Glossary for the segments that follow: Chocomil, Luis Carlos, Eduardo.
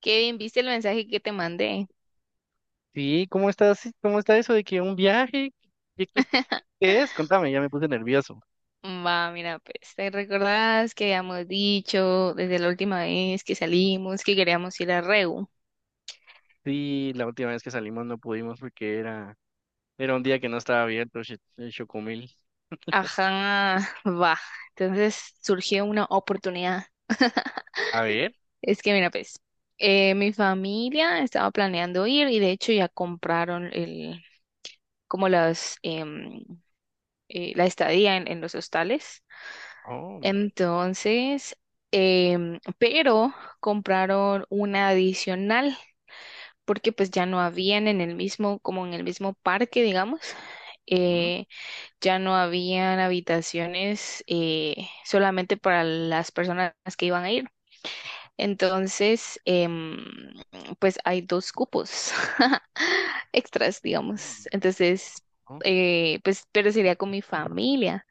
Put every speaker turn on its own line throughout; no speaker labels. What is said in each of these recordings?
Kevin, ¿viste el mensaje que te mandé?
Sí, ¿cómo estás? Sí, ¿cómo está eso de que un viaje? ¿Qué, qué- qué- qué es? Contame, ya me puse nervioso.
Va, mira, pues, ¿te recordás que habíamos dicho desde la última vez que salimos que queríamos ir a Reu?
Sí, la última vez que salimos no pudimos porque era un día que no estaba abierto el Chocomil.
Ajá, va. Entonces surgió una oportunidad.
A ver.
Es que, mira, pues, mi familia estaba planeando ir y de hecho ya compraron el, como las, la estadía en los hostales.
Oh,
Entonces, pero compraron una adicional, porque pues ya no habían en el mismo, como en el mismo parque, digamos,
ujú,
eh, ya no habían habitaciones solamente para las personas que iban a ir. Entonces, pues hay dos cupos extras, digamos.
mm,
Entonces,
oh.
pues, pero sería con mi familia.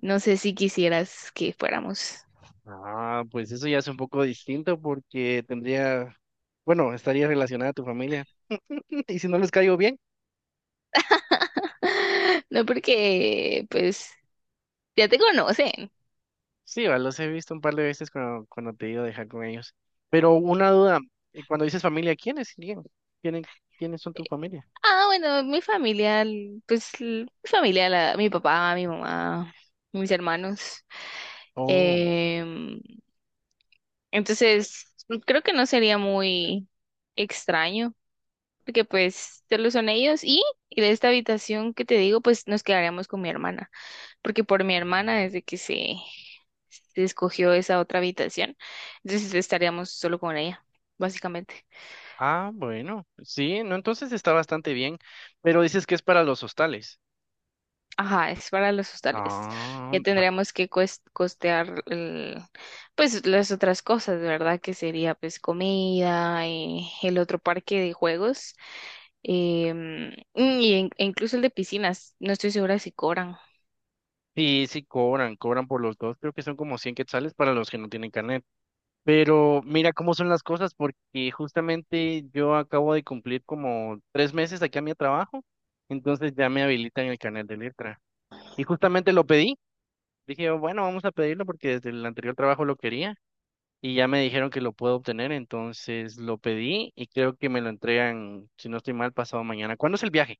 No sé si quisieras que fuéramos.
Ah, pues eso ya es un poco distinto porque tendría, bueno, estaría relacionada a tu familia. ¿Y si no les caigo bien?
No, porque pues ya te conocen.
Sí, va, los he visto un par de veces cuando te he ido a dejar con ellos. Pero una duda, cuando dices familia, ¿quiénes serían? ¿Quiénes, quiénes son tu familia?
Ah, bueno, mi familia, pues mi familia, la- mi papá, mi mamá, mis hermanos.
Oh,
Em, entonces, creo que no sería muy extraño, porque pues solo son ellos y de esta habitación que te digo, pues nos quedaríamos con mi hermana, porque por mi hermana desde que se escogió esa otra habitación, entonces estaríamos solo con ella, básicamente.
ah, bueno, sí, no, entonces está bastante bien, pero dices que es para los hostales.
Ajá, es para los hostales.
Ah,
Ya
va.
tendríamos que cues- costear el- pues las otras cosas, ¿verdad? Que sería pues comida, el otro parque de juegos, y en- e incluso el de piscinas. No estoy segura si cobran.
Sí, sí, cobran, cobran por los dos, creo que son como 100 quetzales para los que no tienen carnet. Pero mira cómo son las cosas, porque justamente yo acabo de cumplir como 3 meses aquí a mi trabajo, entonces ya me habilitan el carnet de letra. Y justamente lo pedí, dije, bueno, vamos a pedirlo porque desde el anterior trabajo lo quería. Y ya me dijeron que lo puedo obtener, entonces lo pedí y creo que me lo entregan, si no estoy mal, pasado mañana. ¿Cuándo es el viaje?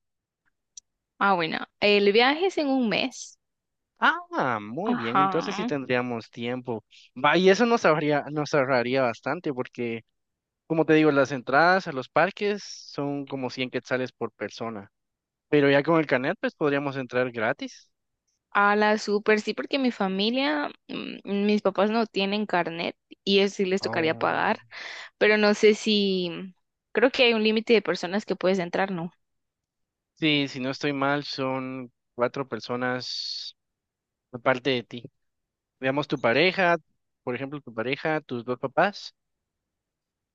Ah, bueno, el viaje es en un mes.
Ah, muy bien,
Ajá.
entonces sí tendríamos tiempo. Va, y eso nos ahorraría bastante porque, como te digo, las entradas a los parques son como 100 quetzales por persona, pero ya con el Canet, pues podríamos entrar gratis.
A la super, sí, porque mi familia, mm, mis papás no tienen carnet y eso sí les tocaría
Oh.
pagar, pero no sé si, creo que hay un límite de personas que puedes entrar, ¿no?
Sí, si no estoy mal, son cuatro personas aparte de ti. Veamos tu pareja, por ejemplo, tu pareja, tus dos papás.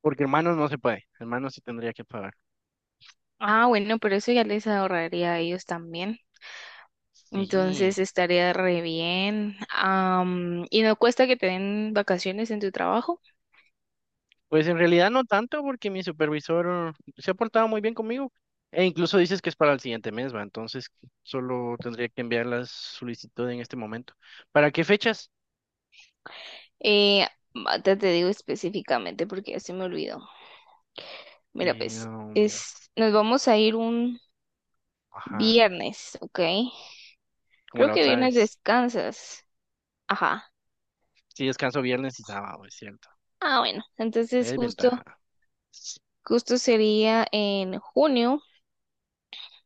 Porque hermanos no se puede, hermanos sí tendría que pagar.
Ah, bueno, pero eso ya les ahorraría a ellos también.
Sí,
Entonces estaría re bien. Am, y no cuesta que te den vacaciones en tu trabajo.
pues en realidad no tanto porque mi supervisor se ha portado muy bien conmigo e incluso dices que es para el siguiente mes, va, entonces solo tendría que enviar la solicitud en este momento. ¿Para qué fechas?
Eh, ahorita te digo específicamente porque ya se me olvidó. Mira,
Eh,
pues,
um,
es, nos vamos a ir un
ajá,
viernes, ¿ok?
como
Creo
la
que
otra
viernes
vez.
descansas. Ajá.
Sí, descanso viernes y sábado, es cierto.
Ah, bueno.
Hay
Entonces justo,
desventaja.
justo sería en junio.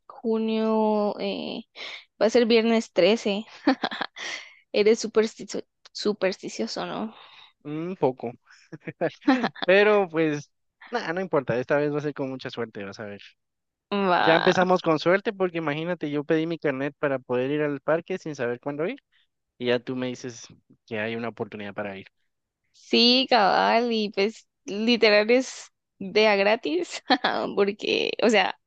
Junio, va a ser viernes 13. Eres supersticio- supersticioso, ¿no?
Un poco, pero pues nada, no importa, esta vez va a ser con mucha suerte, vas a ver. Ya
Va.
empezamos con suerte porque imagínate, yo pedí mi carnet para poder ir al parque sin saber cuándo ir y ya tú me dices que hay una oportunidad para ir.
Sí, cabal, y pues literal es de a gratis, porque, o sea,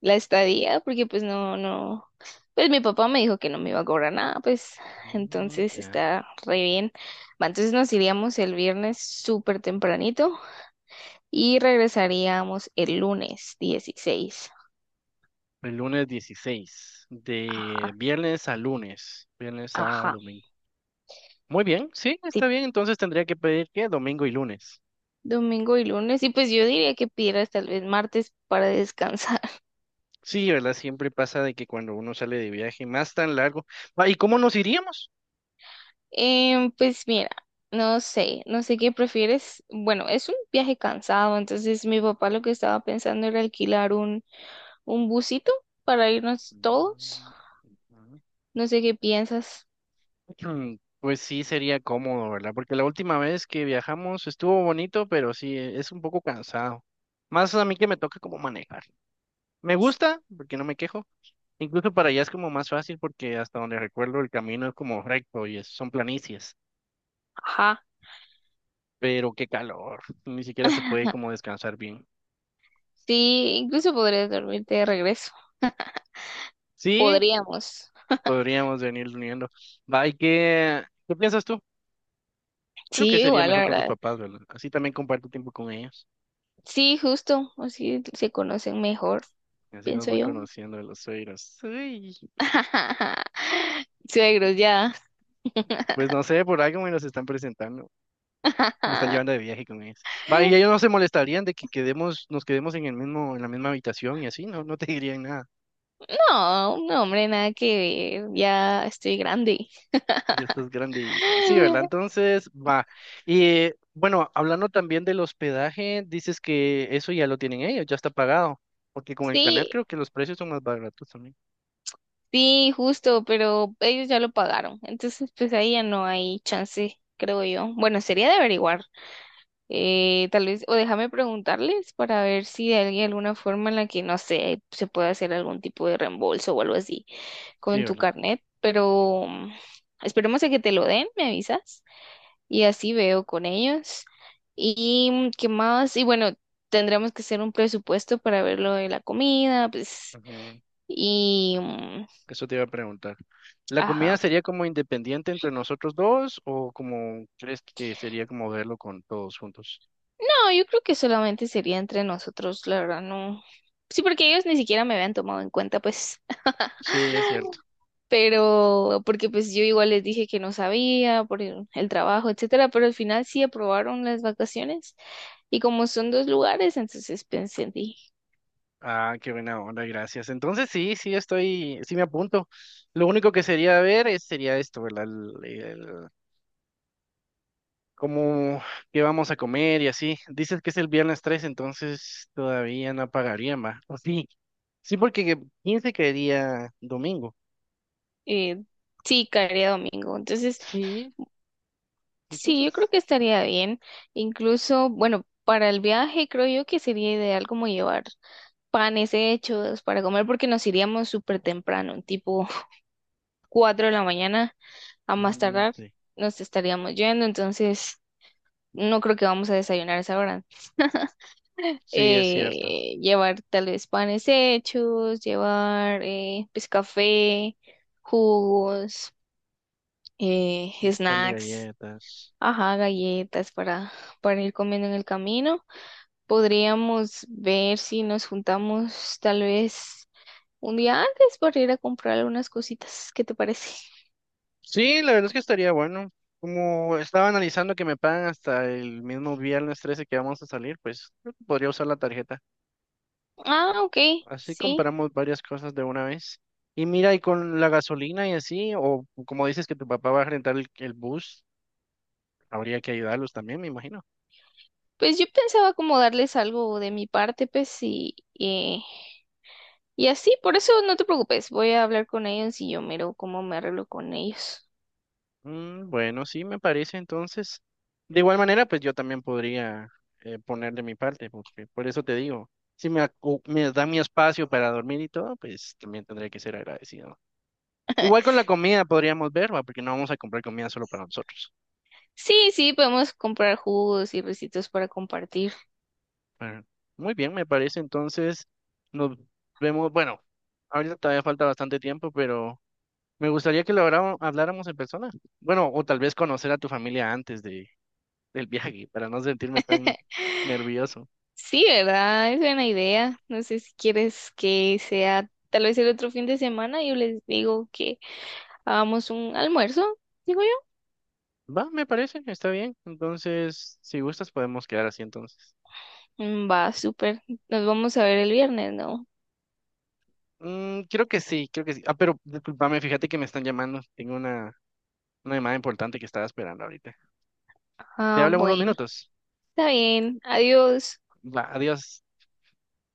la estadía, porque pues no, no, pues mi papá me dijo que no me iba a cobrar nada, pues
Mm,
entonces
ya.
está re bien. Va, entonces nos iríamos el viernes súper tempranito y regresaríamos el lunes 16.
El lunes 16 de
Ajá,
viernes a lunes, viernes, sábado,
ajá.
domingo. Muy bien, sí,
Sí,
está bien, entonces tendría que pedir que domingo y lunes.
domingo y lunes, y pues yo diría que pidieras tal vez martes para descansar.
Sí, ¿verdad? Siempre pasa de que cuando uno sale de viaje más tan largo. Ah, ¿y cómo nos iríamos?
Pues mira, no sé, no sé qué prefieres. Bueno, es un viaje cansado, entonces mi papá lo que estaba pensando era alquilar un busito para irnos todos.
Mm,
No sé qué piensas.
Pues sí, sería cómodo, ¿verdad? Porque la última vez que viajamos estuvo bonito, pero sí, es un poco cansado. Más a mí que me toca como manejar. Me gusta, porque no me quejo. Incluso para allá es como más fácil porque hasta donde recuerdo el camino es como recto y son planicies.
Ajá.
Pero qué calor, ni siquiera se puede como descansar bien.
Sí, incluso podrías dormirte de regreso.
Sí,
Podríamos.
podríamos venir uniendo. Va, ¿y qué, qué piensas tú? Creo que
Sí,
sería
igual, la
mejor con tus
verdad.
papás, ¿verdad? Así también comparto tiempo con ellos.
Sí, justo, así se conocen mejor,
Así los
pienso
voy
yo.
conociendo de los suegros. Uy.
Suegros, ya.
Pues no sé, por algo me los están presentando. Me están llevando de viaje con ellos. Va, y ellos no se molestarían de que quedemos, nos quedemos en el mismo, en la misma habitación y así, no, no te dirían nada.
No, no, hombre, nada que ver, ya estoy grande.
Ya estás grande y sí, ¿verdad? Entonces, va. Y bueno, hablando también del hospedaje, dices que eso ya lo tienen ellos, ya está pagado. Porque con el canal
Sí,
creo que los precios son más baratos también.
sí, justo, pero ellos ya lo pagaron, entonces pues ahí ya no hay chance, creo yo. Bueno, sería de averiguar, tal vez, o déjame preguntarles para ver si hay alguna forma en la que, no sé, se puede hacer algún tipo de reembolso o algo así
Sí,
con tu
¿verdad?
carnet, pero mm, esperemos a que te lo den, ¿me avisas? Y así veo con ellos. ¿Y mm, qué más? Y bueno, tendremos que hacer un presupuesto para ver lo de la comida, pues,
Ujú,
y, mm,
eso te iba a preguntar. ¿La
ajá.
comida sería como independiente entre nosotros dos o como crees que sería como verlo con todos juntos?
No, yo creo que solamente sería entre nosotros, la verdad, no. Sí, porque ellos ni siquiera me habían tomado en cuenta, pues,
Sí, es cierto.
pero porque pues yo igual les dije que no sabía por el trabajo, etcétera, pero al final sí aprobaron las vacaciones y como son dos lugares, entonces pensé, en ti.
Ah, qué buena onda, gracias. Entonces sí, sí estoy, sí me apunto. Lo único que sería ver es, sería esto, ¿verdad? Como qué vamos a comer y así. Dices que es el viernes 3, entonces todavía no pagaría más. O sí, sí, porque 15 caería domingo.
eh, sí, caería domingo, entonces
Sí,
sí, yo creo
entonces.
que estaría bien. Incluso, bueno, para el viaje creo yo que sería ideal como llevar panes hechos para comer porque nos iríamos súper temprano, tipo 4 de la mañana a más
Mm,
tardar
sí.
nos estaríamos yendo, entonces no creo que vamos a desayunar a esa hora.
Sí, es cierto.
Llevar tal vez panes hechos, llevar pues café, jugos,
Un par de
snacks,
galletas.
ajá, galletas para ir comiendo en el camino. Podríamos ver si nos juntamos tal vez un día antes para ir a comprar algunas cositas. ¿Qué te parece?
Sí, la verdad es que estaría bueno. Como estaba analizando que me pagan hasta el mismo viernes 13 que vamos a salir, pues creo que podría usar la tarjeta.
Ah, ok,
Así
sí.
compramos varias cosas de una vez. Y mira, y con la gasolina y así, o como dices que tu papá va a rentar el bus, habría que ayudarlos también, me imagino.
Pues yo pensaba como darles algo de mi parte, pues, y así, por eso no te preocupes, voy a hablar con ellos y yo miro cómo me arreglo con ellos.
Bueno, sí, me parece entonces. De igual manera, pues yo también podría poner de mi parte, porque por eso te digo, si me da mi espacio para dormir y todo, pues también tendré que ser agradecido. Igual con la comida podríamos ver, ¿va? Porque no vamos a comprar comida solo para nosotros.
Sí, sí, podemos comprar jugos y recitos para compartir.
Pero, muy bien, me parece. Entonces, nos vemos. Bueno, ahorita todavía falta bastante tiempo, pero me gustaría que lo habláramos en persona. Bueno, o tal vez conocer a tu familia antes del viaje, para no sentirme tan nervioso.
Sí, ¿verdad? Es buena idea. No sé si quieres que sea tal vez el otro fin de semana, yo les digo que hagamos un almuerzo, digo yo.
Va, me parece, está bien. Entonces, si gustas, podemos quedar así entonces.
Mm, va, súper. Nos vamos a ver el viernes, ¿no?
Mm, creo que sí, creo que sí. Ah, pero discúlpame, fíjate que me están llamando. Tengo una llamada importante que estaba esperando ahorita. Te
Ah,
hablo en unos
bueno.
minutos.
Está bien. Adiós.
Va, adiós.